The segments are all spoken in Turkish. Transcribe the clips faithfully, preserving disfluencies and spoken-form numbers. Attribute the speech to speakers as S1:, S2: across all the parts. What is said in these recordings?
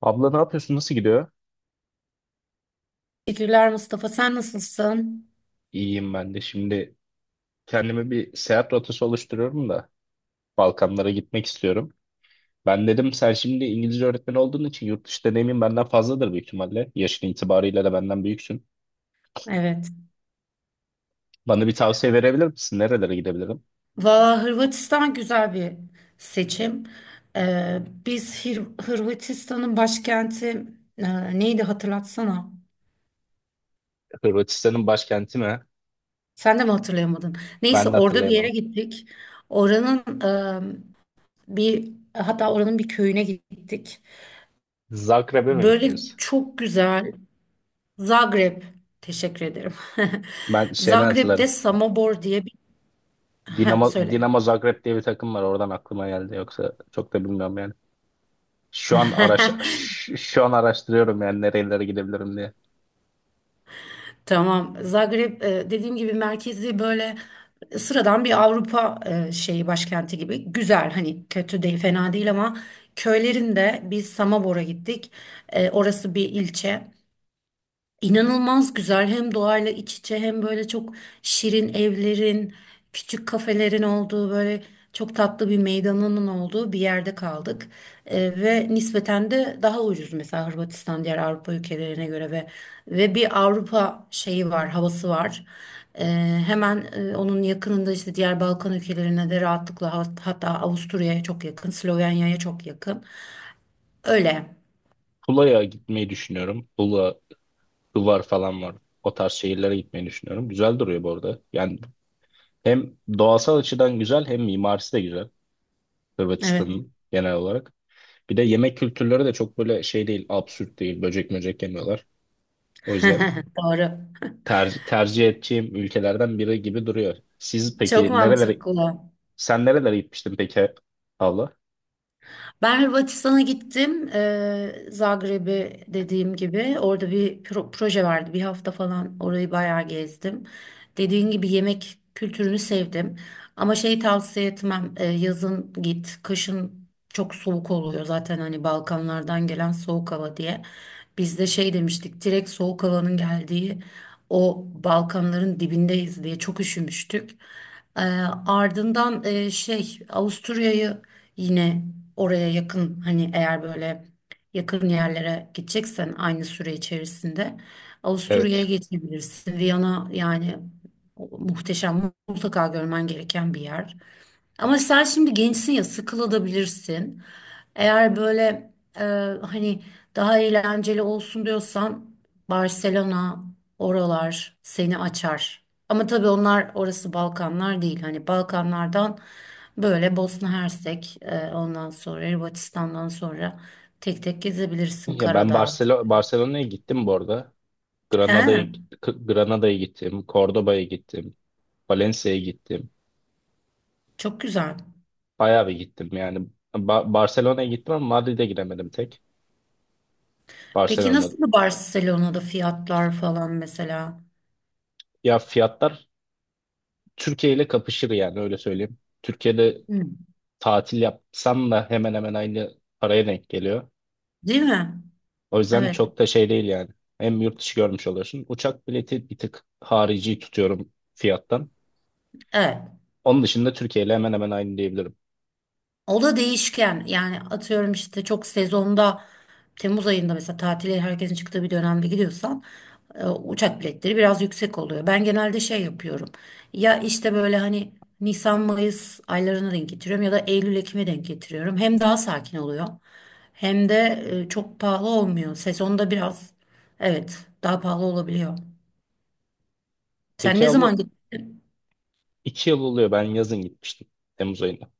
S1: Abla ne yapıyorsun? Nasıl gidiyor?
S2: Teşekkürler Mustafa. Sen nasılsın?
S1: İyiyim ben de. Şimdi kendime bir seyahat rotası oluşturuyorum da Balkanlara gitmek istiyorum. Ben dedim sen şimdi İngilizce öğretmeni olduğun için yurt dışı deneyimin benden fazladır büyük ihtimalle. Yaşın itibarıyla da benden büyüksün.
S2: Evet.
S1: Bana bir tavsiye verebilir misin? Nerelere gidebilirim?
S2: Valla Hırvatistan güzel bir seçim. Ee, biz Hır- Hırvatistan'ın başkenti e, neydi hatırlatsana.
S1: Hırvatistan'ın başkenti mi?
S2: Sen de mi hatırlayamadın? Neyse
S1: Ben de
S2: orada bir yere
S1: hatırlayamadım.
S2: gittik. Oranın e, bir hatta oranın bir köyüne gittik.
S1: Zagreb'e mi
S2: Böyle
S1: gittiniz?
S2: çok güzel Zagreb. Teşekkür ederim.
S1: Ben şeyden
S2: Zagreb'de
S1: hatırlarım.
S2: Samobor diye bir... Heh,
S1: Dinamo,
S2: söyle.
S1: Dinamo Zagreb diye bir takım var. Oradan aklıma geldi. Yoksa çok da bilmiyorum yani. Şu an araş şu, şu an araştırıyorum yani nerelere gidebilirim diye.
S2: Tamam. Zagreb e, dediğim gibi merkezi böyle sıradan bir Avrupa e, şeyi başkenti gibi. Güzel, hani kötü değil, fena değil, ama köylerinde biz Samobor'a gittik. E, Orası bir ilçe. İnanılmaz güzel, hem doğayla iç içe hem böyle çok şirin evlerin, küçük kafelerin olduğu, böyle çok tatlı bir meydanının olduğu bir yerde kaldık. Ee, ve nispeten de daha ucuz mesela Hırvatistan diğer Avrupa ülkelerine göre ve ve bir Avrupa şeyi var, havası var. Ee, Hemen e, onun yakınında işte diğer Balkan ülkelerine de rahatlıkla hat- hatta Avusturya'ya çok yakın, Slovenya'ya çok yakın. Öyle.
S1: Tula'ya gitmeyi düşünüyorum. Tula, Hıvar falan var. O tarz şehirlere gitmeyi düşünüyorum. Güzel duruyor bu arada. Yani hem doğasal açıdan güzel hem mimarisi de güzel.
S2: Evet,
S1: Hırvatistan'ın genel olarak. Bir de yemek kültürleri de çok böyle şey değil, absürt değil. Böcek möcek yemiyorlar. O yüzden
S2: doğru.
S1: ter- tercih edeceğim ülkelerden biri gibi duruyor. Siz
S2: Çok
S1: peki nerelere,
S2: mantıklı.
S1: sen nerelere gitmiştin peki abla?
S2: Ben Hırvatistan'a gittim. Ee, Zagreb'e dediğim gibi orada bir pro- proje vardı. Bir hafta falan orayı bayağı gezdim. Dediğin gibi yemek kültürünü sevdim. Ama şey tavsiye etmem. Ee, yazın git. Kışın çok soğuk oluyor zaten hani Balkanlardan gelen soğuk hava diye. Biz de şey demiştik. Direkt soğuk havanın geldiği o Balkanların dibindeyiz diye çok üşümüştük. Ee, Ardından e, şey Avusturya'yı yine oraya yakın, hani eğer böyle yakın yerlere gideceksen aynı süre içerisinde Avusturya'ya
S1: Evet.
S2: geçebilirsin. Viyana yani muhteşem, mutlaka görmen gereken bir yer. Ama sen şimdi gençsin ya, sıkılabilirsin. Eğer böyle e, hani daha eğlenceli olsun diyorsan Barcelona, oralar seni açar. Ama tabii onlar orası Balkanlar değil. Hani Balkanlardan böyle Bosna Hersek, e, ondan sonra Hırvatistan'dan sonra tek tek gezebilirsin
S1: Ya ben
S2: Karadağ.
S1: Barcelona Barcelona'ya gittim bu arada.
S2: He,
S1: Granada'ya Granada'ya gittim, Cordoba'ya gittim. Valencia'ya gittim.
S2: çok güzel.
S1: Bayağı bir gittim yani. Ba- Barcelona'ya gittim ama Madrid'e gidemedim tek.
S2: Peki
S1: Barcelona'da.
S2: nasıl Barcelona'da fiyatlar falan mesela?
S1: Ya fiyatlar Türkiye ile kapışır yani öyle söyleyeyim. Türkiye'de
S2: Hı,
S1: tatil yapsam da hemen hemen aynı paraya denk geliyor.
S2: değil mi?
S1: O yüzden
S2: Evet.
S1: çok da şey değil yani. Hem yurt dışı görmüş oluyorsun. Uçak bileti bir tık harici tutuyorum fiyattan.
S2: Evet.
S1: Onun dışında Türkiye ile hemen hemen aynı diyebilirim.
S2: O da değişken yani, atıyorum işte çok sezonda Temmuz ayında mesela tatile herkesin çıktığı bir dönemde gidiyorsan e, uçak biletleri biraz yüksek oluyor. Ben genelde şey yapıyorum, ya işte böyle hani Nisan Mayıs aylarına denk getiriyorum ya da Eylül Ekim'e denk getiriyorum. Hem daha sakin oluyor hem de e, çok pahalı olmuyor. Sezonda biraz evet daha pahalı olabiliyor. Sen
S1: Peki
S2: ne
S1: abla
S2: zaman gittin?
S1: iki yıl oluyor ben yazın gitmiştim. Temmuz ayında.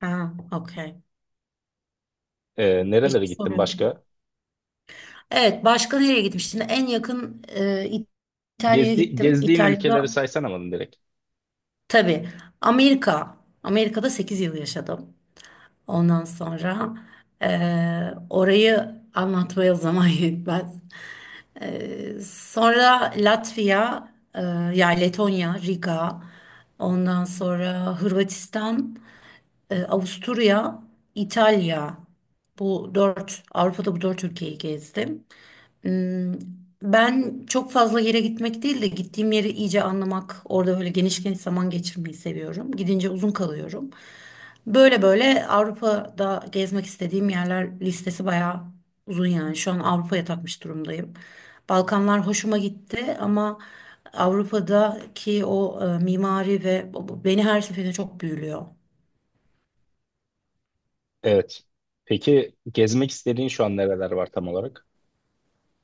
S2: Ha, okey.
S1: Ee,
S2: Bir şey
S1: nerelere gittim
S2: soruyordum.
S1: başka?
S2: Evet, başka nereye gitmiştim? En yakın, e, İtalya'ya
S1: Gezdi,
S2: gittim.
S1: gezdiğin
S2: İtalya'da
S1: ülkeleri saysan ama direkt.
S2: tabii. Amerika. Amerika'da sekiz yıl yaşadım. Ondan sonra e, orayı anlatmaya zaman yetmez. E, sonra Latvia, e, yani Letonya, Riga. Ondan sonra Hırvatistan, e, Avusturya, İtalya. Bu dört, Avrupa'da bu dört ülkeyi gezdim. Hmm. Ben çok fazla yere gitmek değil de gittiğim yeri iyice anlamak, orada böyle geniş geniş zaman geçirmeyi seviyorum. Gidince uzun kalıyorum. Böyle böyle Avrupa'da gezmek istediğim yerler listesi bayağı uzun yani. Şu an Avrupa'ya takmış durumdayım. Balkanlar hoşuma gitti ama Avrupa'daki o e, mimari ve o- beni her seferinde çok büyülüyor.
S1: Evet. Peki gezmek istediğin şu an nereler var tam olarak?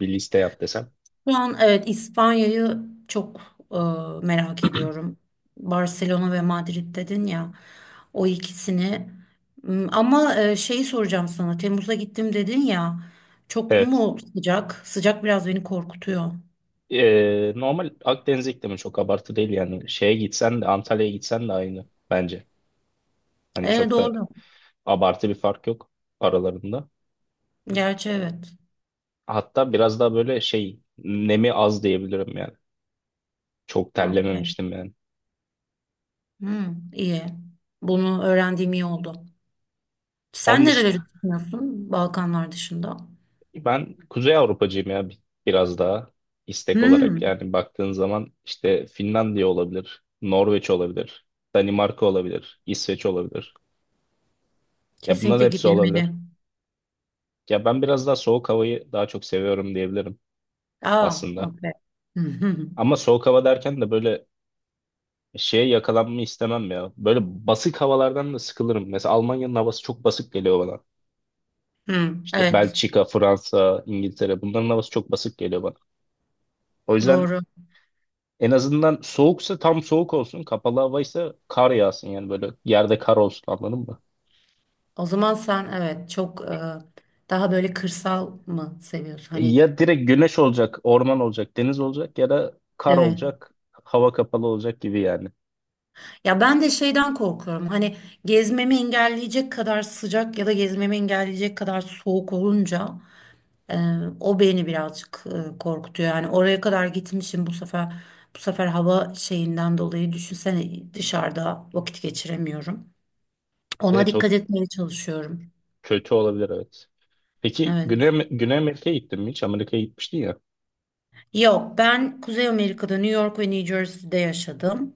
S1: Bir liste yap desem.
S2: Şu an evet İspanya'yı çok e, merak ediyorum. Barcelona ve Madrid dedin ya, o ikisini. M, ama e, şeyi soracağım sana. Temmuz'a gittim dedin ya. Çok
S1: Evet.
S2: mu sıcak? Sıcak biraz beni korkutuyor.
S1: Ee, normal Akdeniz iklimi çok abartı değil yani. Şeye gitsen de Antalya'ya gitsen de aynı bence. Hani
S2: E,
S1: çok da
S2: doğru.
S1: abartı bir fark yok aralarında.
S2: Gerçi evet.
S1: Hatta biraz daha böyle şey nemi az diyebilirim yani. Çok
S2: Okay.
S1: terlememiştim yani.
S2: Hmm, iyi. Bunu öğrendiğim iyi oldu. Sen
S1: Onun dışında
S2: nereleri düşünüyorsun Balkanlar dışında?
S1: ben Kuzey Avrupacıyım ya bi- biraz daha istek olarak.
S2: Hmm,
S1: Yani baktığın zaman işte Finlandiya olabilir, Norveç olabilir, Danimarka olabilir, İsveç olabilir. Ya bunların
S2: kesinlikle
S1: hepsi
S2: gidilmeli.
S1: olabilir. Ya ben biraz daha soğuk havayı daha çok seviyorum diyebilirim
S2: Aa,
S1: aslında.
S2: okay.
S1: Ama soğuk hava derken de böyle şeye yakalanmayı istemem ya. Böyle basık havalardan da sıkılırım. Mesela Almanya'nın havası çok basık geliyor bana.
S2: Hı,
S1: İşte
S2: evet,
S1: Belçika, Fransa, İngiltere bunların havası çok basık geliyor bana. O yüzden
S2: doğru.
S1: en azından soğuksa tam soğuk olsun. Kapalı havaysa kar yağsın yani böyle yerde kar olsun anladın mı?
S2: O zaman sen evet çok e, daha böyle kırsal mı seviyorsun?
S1: E,
S2: Hani
S1: Ya direkt güneş olacak, orman olacak, deniz olacak ya da kar
S2: evet.
S1: olacak, hava kapalı olacak gibi yani.
S2: Ya ben de şeyden korkuyorum. Hani gezmemi engelleyecek kadar sıcak ya da gezmemi engelleyecek kadar soğuk olunca e, o beni birazcık e, korkutuyor. Yani oraya kadar gitmişim bu sefer bu sefer hava şeyinden dolayı düşünsene dışarıda vakit geçiremiyorum. Ona
S1: Evet, o
S2: dikkat etmeye çalışıyorum.
S1: kötü olabilir evet. Peki
S2: Evet.
S1: Güney, Güney Amerika'ya gittin mi hiç? Amerika'ya gitmiştin ya.
S2: Yok, ben Kuzey Amerika'da New York ve New Jersey'de yaşadım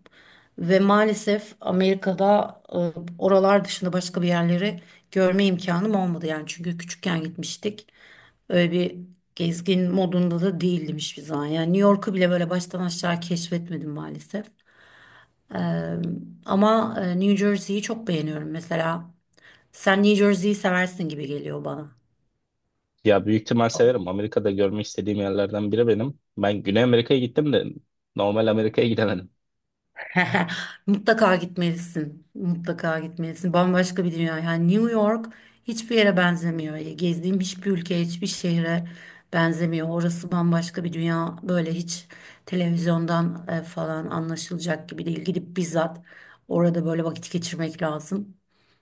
S2: ve maalesef Amerika'da e, oralar dışında başka bir yerleri görme imkanım olmadı yani, çünkü küçükken gitmiştik. Öyle bir gezgin modunda da değildim hiçbir zaman. Yani New York'u bile böyle baştan aşağı keşfetmedim maalesef. Ee, Ama e, New Jersey'yi çok beğeniyorum mesela. Sen New Jersey'yi seversin gibi geliyor bana.
S1: Ya büyük ihtimal severim. Amerika'da görmek istediğim yerlerden biri benim. Ben Güney Amerika'ya gittim de normal Amerika'ya gidemedim.
S2: Mutlaka gitmelisin. Mutlaka gitmelisin. Bambaşka bir dünya. Yani New York hiçbir yere benzemiyor. Gezdiğim hiçbir ülke, hiçbir şehre benzemiyor. Orası bambaşka bir dünya. Böyle hiç televizyondan e, falan anlaşılacak gibi değil. Gidip bizzat orada böyle vakit geçirmek lazım.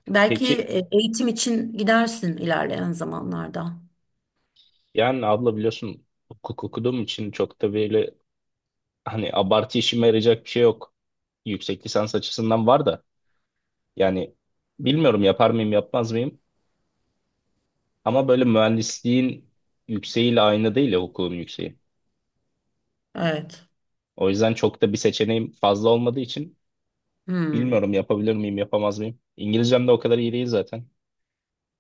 S2: Belki
S1: Peki
S2: e, eğitim için gidersin ilerleyen zamanlarda.
S1: yani abla biliyorsun hukuk okuduğum için çok da böyle hani abartı işime yarayacak bir şey yok. Yüksek lisans açısından var da yani bilmiyorum yapar mıyım yapmaz mıyım ama böyle mühendisliğin yükseğiyle aynı değil ya hukukun yükseği.
S2: Evet.
S1: O yüzden çok da bir seçeneğim fazla olmadığı için
S2: Hmm.
S1: bilmiyorum yapabilir miyim yapamaz mıyım. İngilizcem de o kadar iyi değil zaten.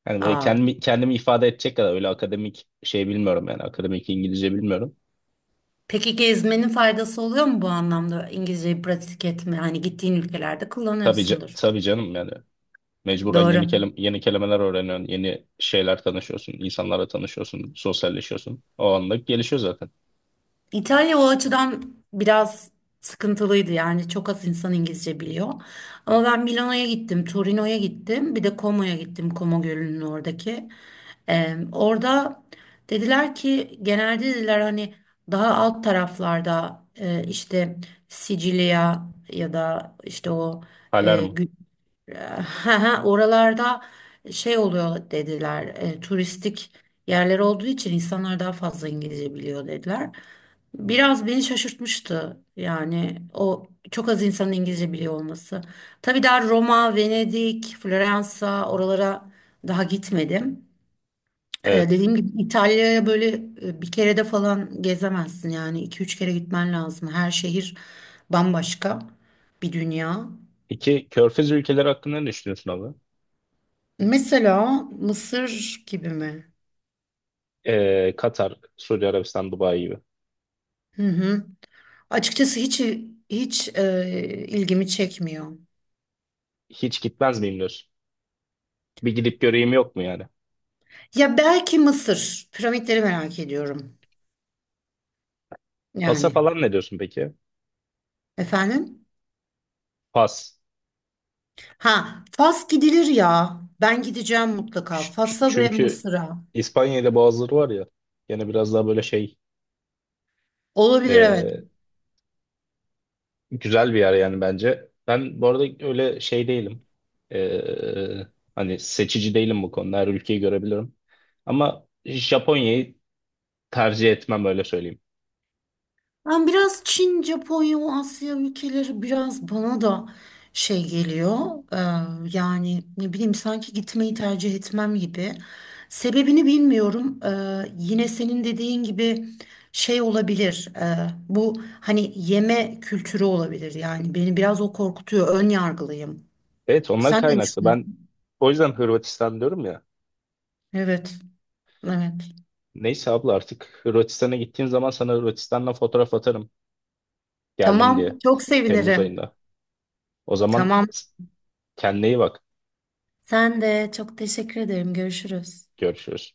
S1: Yani böyle
S2: Aa.
S1: kendimi, kendimi ifade edecek kadar öyle akademik şey bilmiyorum yani akademik İngilizce bilmiyorum.
S2: Peki gezmenin faydası oluyor mu bu anlamda? İngilizceyi pratik etme, hani gittiğin ülkelerde
S1: Tabii, ca-
S2: kullanıyorsundur.
S1: tabii canım yani mecburen yeni,
S2: Doğru.
S1: kelim yeni kelimeler öğreniyorsun, yeni şeyler tanışıyorsun, insanlarla tanışıyorsun, sosyalleşiyorsun. O anlık gelişiyor zaten.
S2: İtalya o açıdan biraz sıkıntılıydı yani çok az insan İngilizce biliyor. Ama ben Milano'ya gittim, Torino'ya gittim, bir de Como'ya gittim, Como Gölü'nün oradaki. Ee, orada dediler ki, genelde dediler hani daha alt taraflarda e, işte Sicilya ya da işte o e,
S1: Alarm.
S2: Gü- Eee, oralarda şey oluyor dediler, e, turistik yerler olduğu için insanlar daha fazla İngilizce biliyor dediler. Biraz beni şaşırtmıştı yani o çok az insanın İngilizce biliyor olması. Tabii daha Roma, Venedik, Floransa oralara daha gitmedim. Eee,
S1: Evet.
S2: dediğim gibi İtalya'ya böyle e, bir kere de falan gezemezsin yani, iki üç kere gitmen lazım. Her şehir bambaşka bir dünya.
S1: İki, Körfez ülkeleri hakkında ne düşünüyorsun abi?
S2: Mesela Mısır gibi mi?
S1: Ee, Katar, Suudi Arabistan, Dubai gibi.
S2: Hı hı. Açıkçası hiç hiç e, ilgimi çekmiyor.
S1: Hiç gitmez miyim diyorsun? Bir gidip göreyim yok mu yani?
S2: Ya belki Mısır. Piramitleri merak ediyorum.
S1: Pasa
S2: Yani
S1: falan ne diyorsun peki?
S2: efendim?
S1: Pas.
S2: Ha, Fas gidilir ya. Ben gideceğim mutlaka.
S1: Ç- ç-
S2: Fas'a ve
S1: çünkü
S2: Mısır'a.
S1: İspanya'da Boğazları var ya. Yine biraz daha böyle şey
S2: Olabilir evet.
S1: ee, güzel bir yer yani bence. Ben bu arada öyle şey değilim. Ee, Hani seçici değilim bu konuda. Her ülkeyi görebilirim. Ama Japonya'yı tercih etmem öyle söyleyeyim.
S2: Ben biraz Çin, Japonya, o Asya ülkeleri biraz bana da şey geliyor. Ee, Yani ne bileyim, sanki gitmeyi tercih etmem gibi. Sebebini bilmiyorum. Ee, yine senin dediğin gibi şey olabilir. Ee, bu hani yeme kültürü olabilir. Yani beni biraz o korkutuyor. Ön yargılıyım.
S1: Evet ondan
S2: Sen ne
S1: kaynaklı. Ben
S2: düşünüyorsun?
S1: o yüzden Hırvatistan diyorum ya.
S2: Evet, evet.
S1: Neyse abla artık Hırvatistan'a gittiğim zaman sana Hırvatistan'la fotoğraf atarım. Geldim
S2: Tamam,
S1: diye.
S2: çok
S1: Temmuz
S2: sevinirim.
S1: ayında. O zaman
S2: Tamam.
S1: kendine iyi bak.
S2: Sen de, çok teşekkür ederim. Görüşürüz.
S1: Görüşürüz.